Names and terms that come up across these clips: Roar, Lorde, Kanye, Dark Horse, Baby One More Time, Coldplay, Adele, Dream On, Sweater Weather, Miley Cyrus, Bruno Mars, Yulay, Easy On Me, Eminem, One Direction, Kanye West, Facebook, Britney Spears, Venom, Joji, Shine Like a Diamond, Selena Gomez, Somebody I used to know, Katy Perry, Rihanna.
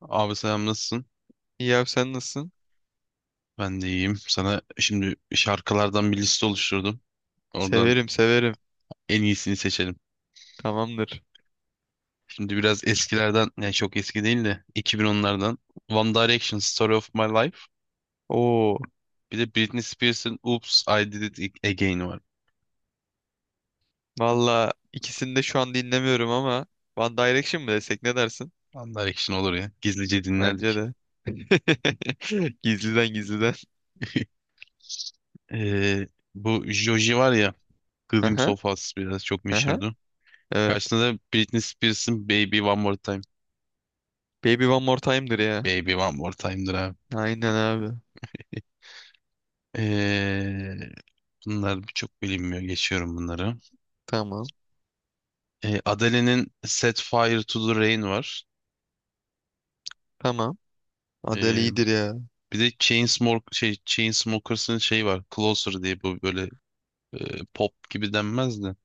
Abi selam nasılsın? İyi abi sen nasılsın? Ben de iyiyim. Sana şimdi şarkılardan bir liste oluşturdum. Oradan Severim severim. en iyisini seçelim. Tamamdır. Şimdi biraz eskilerden, yani çok eski değil de 2010'lardan. One Direction, Story of My Life. Oo, Bir de Britney Spears'ın Oops, I Did It Again var. valla ikisini de şu an dinlemiyorum ama One Direction mi desek ne dersin? One Direction olur ya. Gizlice Bence dinlerdik. de. Gizliden gizliden. Ee, bu Joji var ya, Glimpse Aha, of Us biraz çok aha. meşhurdu. Evet. Karşısında da Britney Spears'ın Baby One More Time. Baby One More Time'dır ya. Baby One More Time'dır abi. Aynen abi. Ee, Bunlar birçok bilinmiyor. Geçiyorum bunları. Tamam. Adele'nin Set Fire to the Rain var. Tamam. Adele E, iyidir ya. bir de Chainsmokers'ın şey var. Closer diye bu böyle pop gibi denmez de.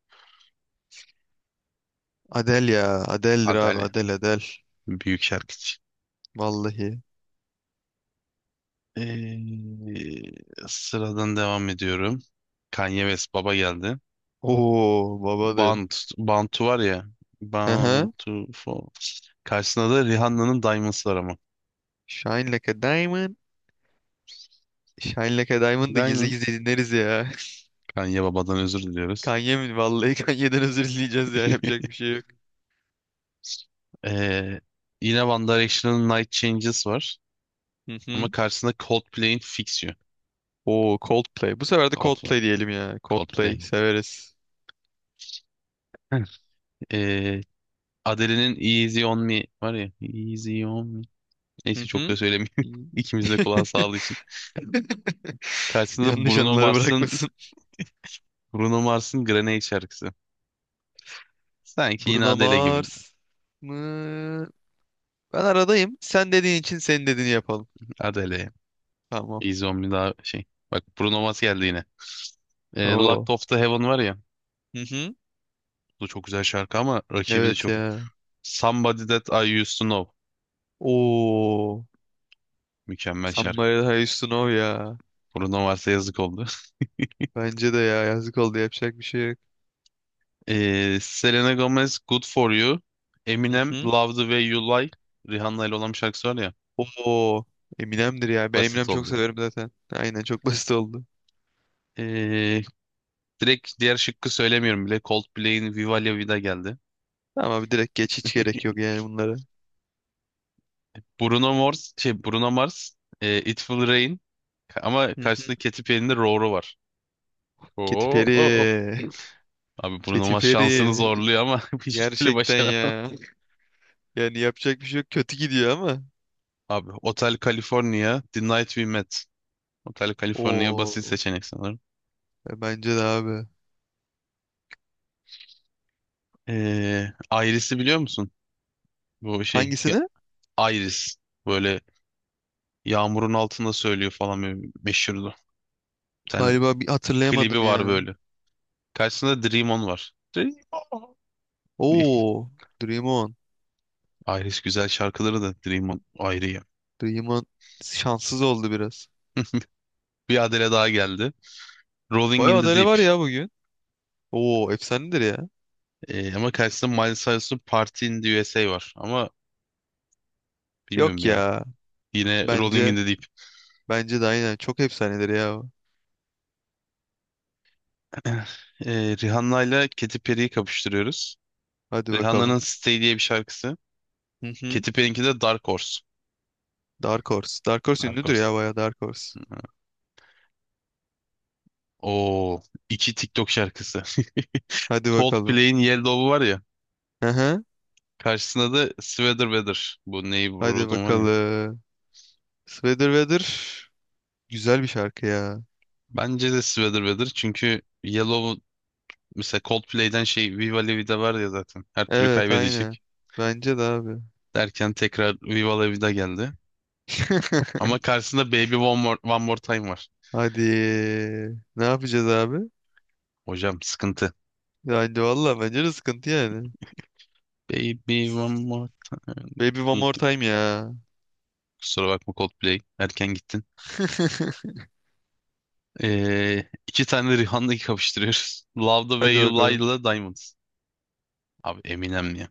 Adele ya. Adele'dir abi. Adele. Adele Adele. Büyük şarkıcı. Vallahi. E, sıradan devam ediyorum. Kanye West baba geldi. Oo, babadır. Band, Bantu var ya. Aha. Bantu for. Karşısında da Rihanna'nın Diamonds var ama. Shine Like a Diamond. Shine Like a Diamond da gizli Diamond. gizli dinleriz ya. Kanye babadan özür diliyoruz. Kanye mi? Vallahi, Kanye'den özür dileyeceğiz ya. Yapacak bir şey yok. Ee, yine One Direction'ın Night Changes var. Hı Ama hı. karşısında Coldplay'in Fix You. Oo, Coldplay. Bu sefer de Coldplay. Coldplay diyelim ya. Coldplay Coldplay. severiz. Heh. Ee, Adele'nin Easy On Me var ya. Easy On Me. Hı Neyse çok da hı. söylemeyeyim. İyi. İkimiz de kulağı sağlığı için. Karşısında Yanlış Bruno anılara Mars'ın bırakmasın. Bruno Mars'ın Grenade şarkısı. Sanki yine Bruno Adele gibi. Mars mı? Ben aradayım. Sen dediğin için senin dediğini yapalım. Adele. Tamam. Easy On Me daha şey. Bak Bruno Mars geldi yine. Locked Oo. Off The Heaven var ya. Hı hı. Bu da çok güzel şarkı ama rakibi de Evet çok. ya. Somebody That I Used To Know. Oo. Mükemmel şarkı. Somebody I used to know ya. Bruno varsa yazık oldu. Bence de ya, yazık oldu, yapacak bir şey yok. Selena Gomez Good For You. Hı Eminem hı. Love The Way You Lie. Rihanna ile olan bir şarkısı var ya. Oo, Eminem'dir ya. Ben Eminem Basit çok oldu yani. severim zaten. Aynen, çok basit oldu. Ee, direkt diğer şıkkı söylemiyorum bile. Coldplay'in Viva La Vida geldi. Ama abi direkt geç, hiç gerek yok yani bunlara. Bruno Mars, şey Bruno Mars, It Will Rain ama Hı hı. karşısında Katy Perry'nin de Roar'u var. Katy Oo, oo, oo. Perry. Abi Bruno Katy Mars şansını Perry. zorluyor ama hiçbir türlü Gerçekten başaramaz. ya. Yani yapacak bir şey yok. Kötü gidiyor ama. Abi Hotel California, The Night We Met. Hotel California basit Oo. seçenek sanırım. Bence de abi. Iris'i biliyor musun? Bu şey Hangisini? ya- Iris böyle yağmurun altında söylüyor falan böyle meşhurdu. Bir tane Galiba bir klibi hatırlayamadım var ya. böyle. Karşısında Dream On var. Dream On. Oo. Dream On. Iris güzel şarkıları da Dream On ayrı ya. Dream On şanssız oldu biraz. Bir Adele daha geldi. Rolling Bayağı in the adale Deep. var ya bugün. Oo, efsanedir ya. Ama karşısında Miley Cyrus'un Party in the USA var. Ama bilmiyorum Yok ya. ya. Yine Rolling Bence in the Deep. bence de aynen çok efsanedir ya. Rihanna ile Katy Perry'yi kapıştırıyoruz. Hadi bakalım. Rihanna'nın Stay diye bir şarkısı. Hı hı. Katy Perry'inki de Dark Horse. Dark Horse. Dark Horse Dark ünlüdür Horse. ya, bayağı Dark Horse. Oo, iki TikTok şarkısı. Hadi bakalım. Coldplay'in Yellow'u var ya. Hı hı. Karşısında da Sweater Weather. Bu Hadi Neighborhood'un var ya. bakalım. Sweater Weather güzel bir şarkı ya. Bence de Sweater Weather çünkü Yellow mesela Coldplay'den Viva La Vida var ya zaten. Her türlü Evet, aynı. kaybedecek. Bence de abi. Derken tekrar Viva La Vida geldi. Ama karşısında Baby One More, One More Time var. Hadi. Ne yapacağız abi? Hocam sıkıntı. Yani valla bence de sıkıntı yani. Baby One More Time. Baby One More Time ya. Kusura bakma Coldplay. Erken gittin. İki tane Rihanna'yı kapıştırıyoruz. Love the Way Hadi You Lie bakalım. ile Diamond. Abi Eminem ya.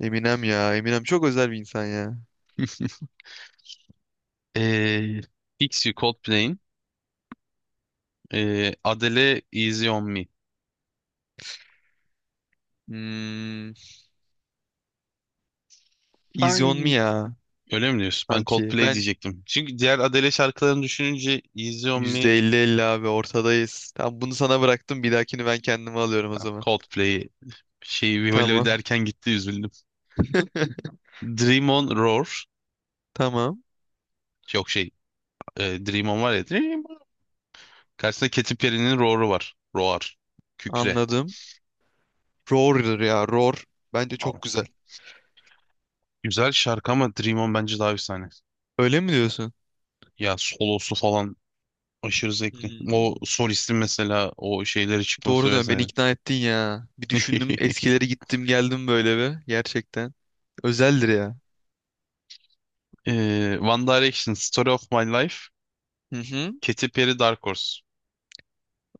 Eminem ya. Eminem çok özel bir insan ya. Ee, Fix You Coldplay'in Adele Easy On Me. Hmm, Easy On Me Sen ya. öyle mi diyorsun? Ben Sanki. Coldplay Ben diyecektim. Çünkü diğer Adele şarkılarını düşününce Easy On Me, %50-50 abi, ortadayız. Tamam, bunu sana bıraktım. Bir dahakini ben kendime alıyorum o ben zaman. Coldplay şeyi Viva La Tamam. derken gitti üzüldüm. Dream On Roar. Tamam. Yok, Dream On var ya. Dream On. Karşısında Katy Perry'nin Roar'u var. Roar. Kükre. Anladım. Roar'dır ya. Roar. Bence Aa, çok güzel. güzel şarkı ama Dream On bence daha efsane. Öyle mi diyorsun? Ya solosu falan aşırı zevkli. O Hmm. solistin mesela o şeyleri Doğru çıkması dön. Beni vesaire. ikna ettin ya. Bir düşündüm. Eskileri gittim geldim böyle bir. Gerçekten. Özeldir ya. One Direction, Story of My Life, Hı hı. Katy Perry, Dark Horse.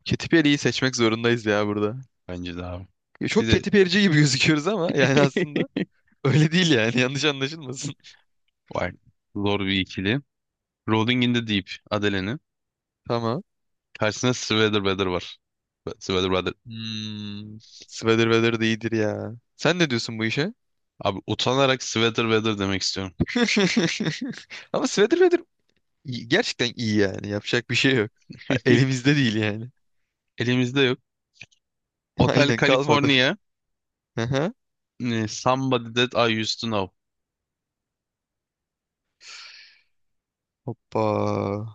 Katy Perry'yi seçmek zorundayız ya burada. Bence de abi. Ya, Bir çok de Katy Perry'ci gibi gözüküyoruz ama yani aslında öyle değil yani. Yanlış anlaşılmasın. var. Zor bir ikili. Rolling in the Deep, Adele'nin. Tamam. Karşısında Sweater Weather var. Sweater Weather. Hmm. Sweater weather de iyidir ya. Sen ne diyorsun bu işe? Abi utanarak Sweater Weather demek istiyorum. Ama sweater weather gerçekten iyi yani. Yapacak bir şey yok. Ha, elimizde değil yani. Elimizde yok. Hotel Aynen, kalmadı. California, Aha. Somebody That I Used to Know. Hoppa.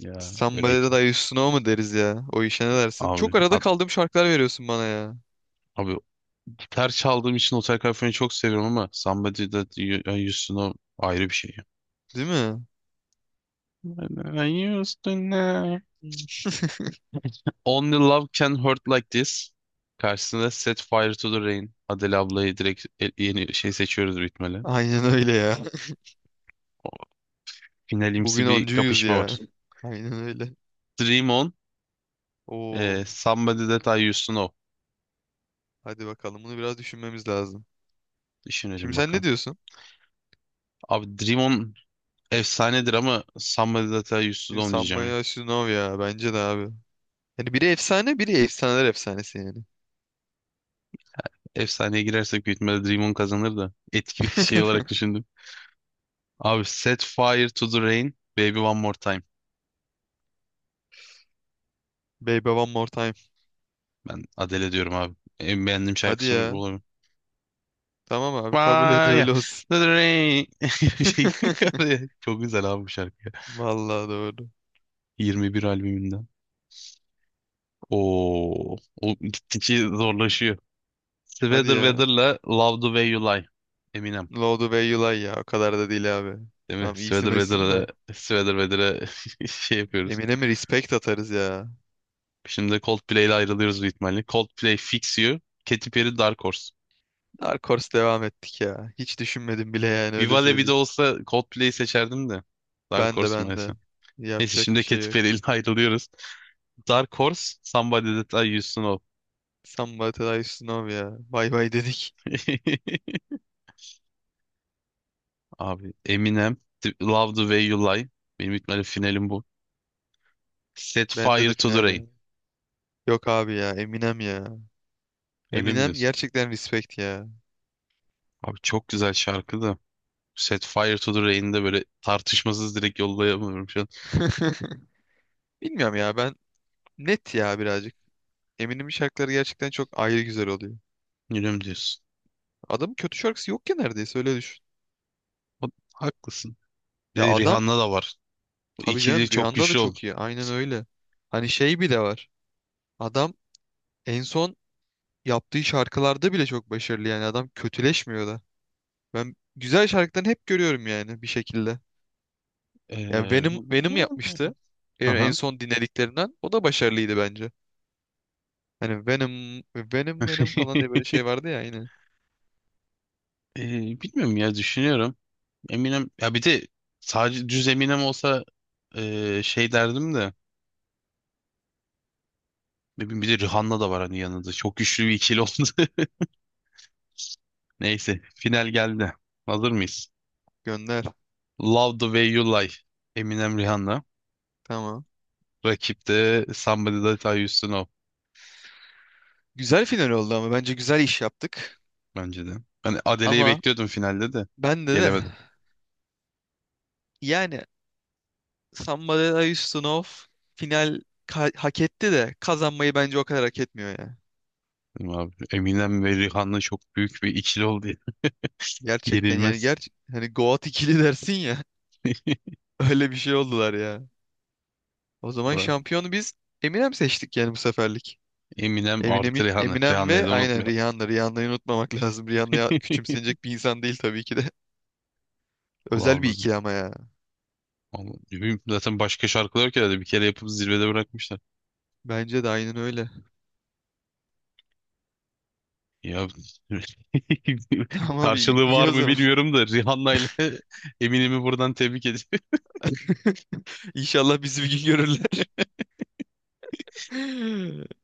Ya öyle Somebody iki. that I used to know mu deriz ya? O işe ne dersin? Abi, Çok arada kaldığım şarkılar veriyorsun bana ya. abi gitar çaldığım için Hotel California'yı çok seviyorum ama Somebody That You I Used To Know ayrı bir şey. Değil mi? I used to know. Hmm. Only Love Can Hurt Like This. Karşısında Set Fire to the Rain. Adele ablayı direkt yeni şey seçiyoruz bitmeli. Aynen öyle ya. O finalimsi Bugün bir oncuyuz kapışma ya. var. Aynen öyle. Dream On, Oo. Somebody That I Used To Know. Hadi bakalım, bunu biraz düşünmemiz lazım. Şimdi Düşünelim sen ne bakalım. diyorsun? Abi Dream On efsanedir ama Somebody That I Used To Bizim Know diyeceğim ya. Sambaya Shunov ya, bence de abi. Yani biri efsane, biri efsaneler efsanesi yani. Efsaneye girersek büyük ihtimalle Dream On kazanır da etki şey olarak düşündüm. Abi Set Fire to the Rain, Baby One More Time. Baby one more time. Ben Adele diyorum abi. En beğendiğim Hadi şarkısı bu ya. olabilir. Tamam abi, kabul et, Fire öyle olsun. to the rain. Şey, çok güzel abi bu şarkı. Vallahi doğru. 21 albümünden. Oo, o gittikçe zorlaşıyor. Hadi Sweater ya. Weather'la Love the Way You Lie. Eminem. Lorde ve Yulay ya. O kadar da değil abi. Değil mi? Tamam, Sweater iyisin hoşsun Weather'la da. Sweater Weather'a şey yapıyoruz. Emine mi respect atarız ya. Şimdi de Coldplay ile ayrılıyoruz büyük ihtimalle. Coldplay Fix You, Katy Perry Dark Horse. Dark Horse devam ettik ya. Hiç düşünmedim bile, yani öyle Viva La Vida söyleyeyim. olsa Coldplay'i seçerdim de. Dark Ben de Horse ben maalesef. de. Neyse Yapacak bir şimdi Katy şey yok. Perry'yle ayrılıyoruz. Dark Horse, Somebody That I Used to Know. Samba Tadashi Snow ya. Bay bay dedik. Abi Eminem, Love the Way You Lie. Benim ihtimalle finalim bu. Set Bende Fire de to the final ya. Rain. Yok abi ya, Eminem ya. Öyle mi Eminem diyorsun? gerçekten respect ya. Abi çok güzel şarkı da. Set Fire to the Rain'de böyle tartışmasız direkt yollayamıyorum şu an. Bilmiyorum ya, ben net ya birazcık. Eminem'in şarkıları gerçekten çok ayrı güzel oluyor. Öyle mi diyorsun? Adamın kötü şarkısı yok ki neredeyse, öyle düşün. O- haklısın. Bir Ya de adam, Rihanna da var. Bu tabii ikili canım, çok Rihanna da güçlü çok oldu. iyi. Aynen öyle. Hani şey, bir de var. Adam en son yaptığı şarkılarda bile çok başarılı, yani adam kötüleşmiyor da. Ben güzel şarkılarını hep görüyorum yani bir şekilde. Ya Ee, Venom Venom yapmıştı. En Aha. son dinlediklerinden o da başarılıydı bence. Hani Venom Venom Venom falan diye böyle şey vardı ya yine. Bilmiyorum ya düşünüyorum. Eminem ya bir de sadece düz Eminem olsa şey derdim de ne bir de Rihanna da var hani yanında. Çok güçlü bir ikili oldu. Neyse final geldi. Hazır mıyız? Gönder. Love the Way You Lie. Eminem Rihanna. Tamam. Rakip de Somebody That I Used to Know Güzel final oldu ama bence güzel iş yaptık. bence de. Ben Adele'yi Ama bekliyordum finalde de bende de gelemedim. yani Somebody I Used to Know final hak etti de, kazanmayı bence o kadar hak etmiyor ya. Dedim Abi, Eminem ve Rihanna çok büyük bir ikili oldu ya. Gerçekten yani, Yenilmez. Hani Goat ikili dersin ya, öyle bir şey oldular ya. O zaman Ulan, şampiyonu biz Eminem seçtik yani bu seferlik. Eminem Eminem, artı Rihanna. Eminem Rihanna'yı ve da aynen unutmayalım. Rihanna. Rihanna'yı unutmamak lazım. Rihanna ya- küçümsenecek bir insan değil tabii ki de. Özel bir Lavdır. ikili ama ya. Ama ne bileyim, zaten başka şarkılar ki herhalde bir kere yapıp zirvede bırakmışlar. Bence de aynen öyle. Ya Tamam abi, karşılığı iyi var o mı zaman. bilmiyorum da Rihanna ile Eminem'i buradan tebrik ediyorum. İnşallah bizi bir gün görürler.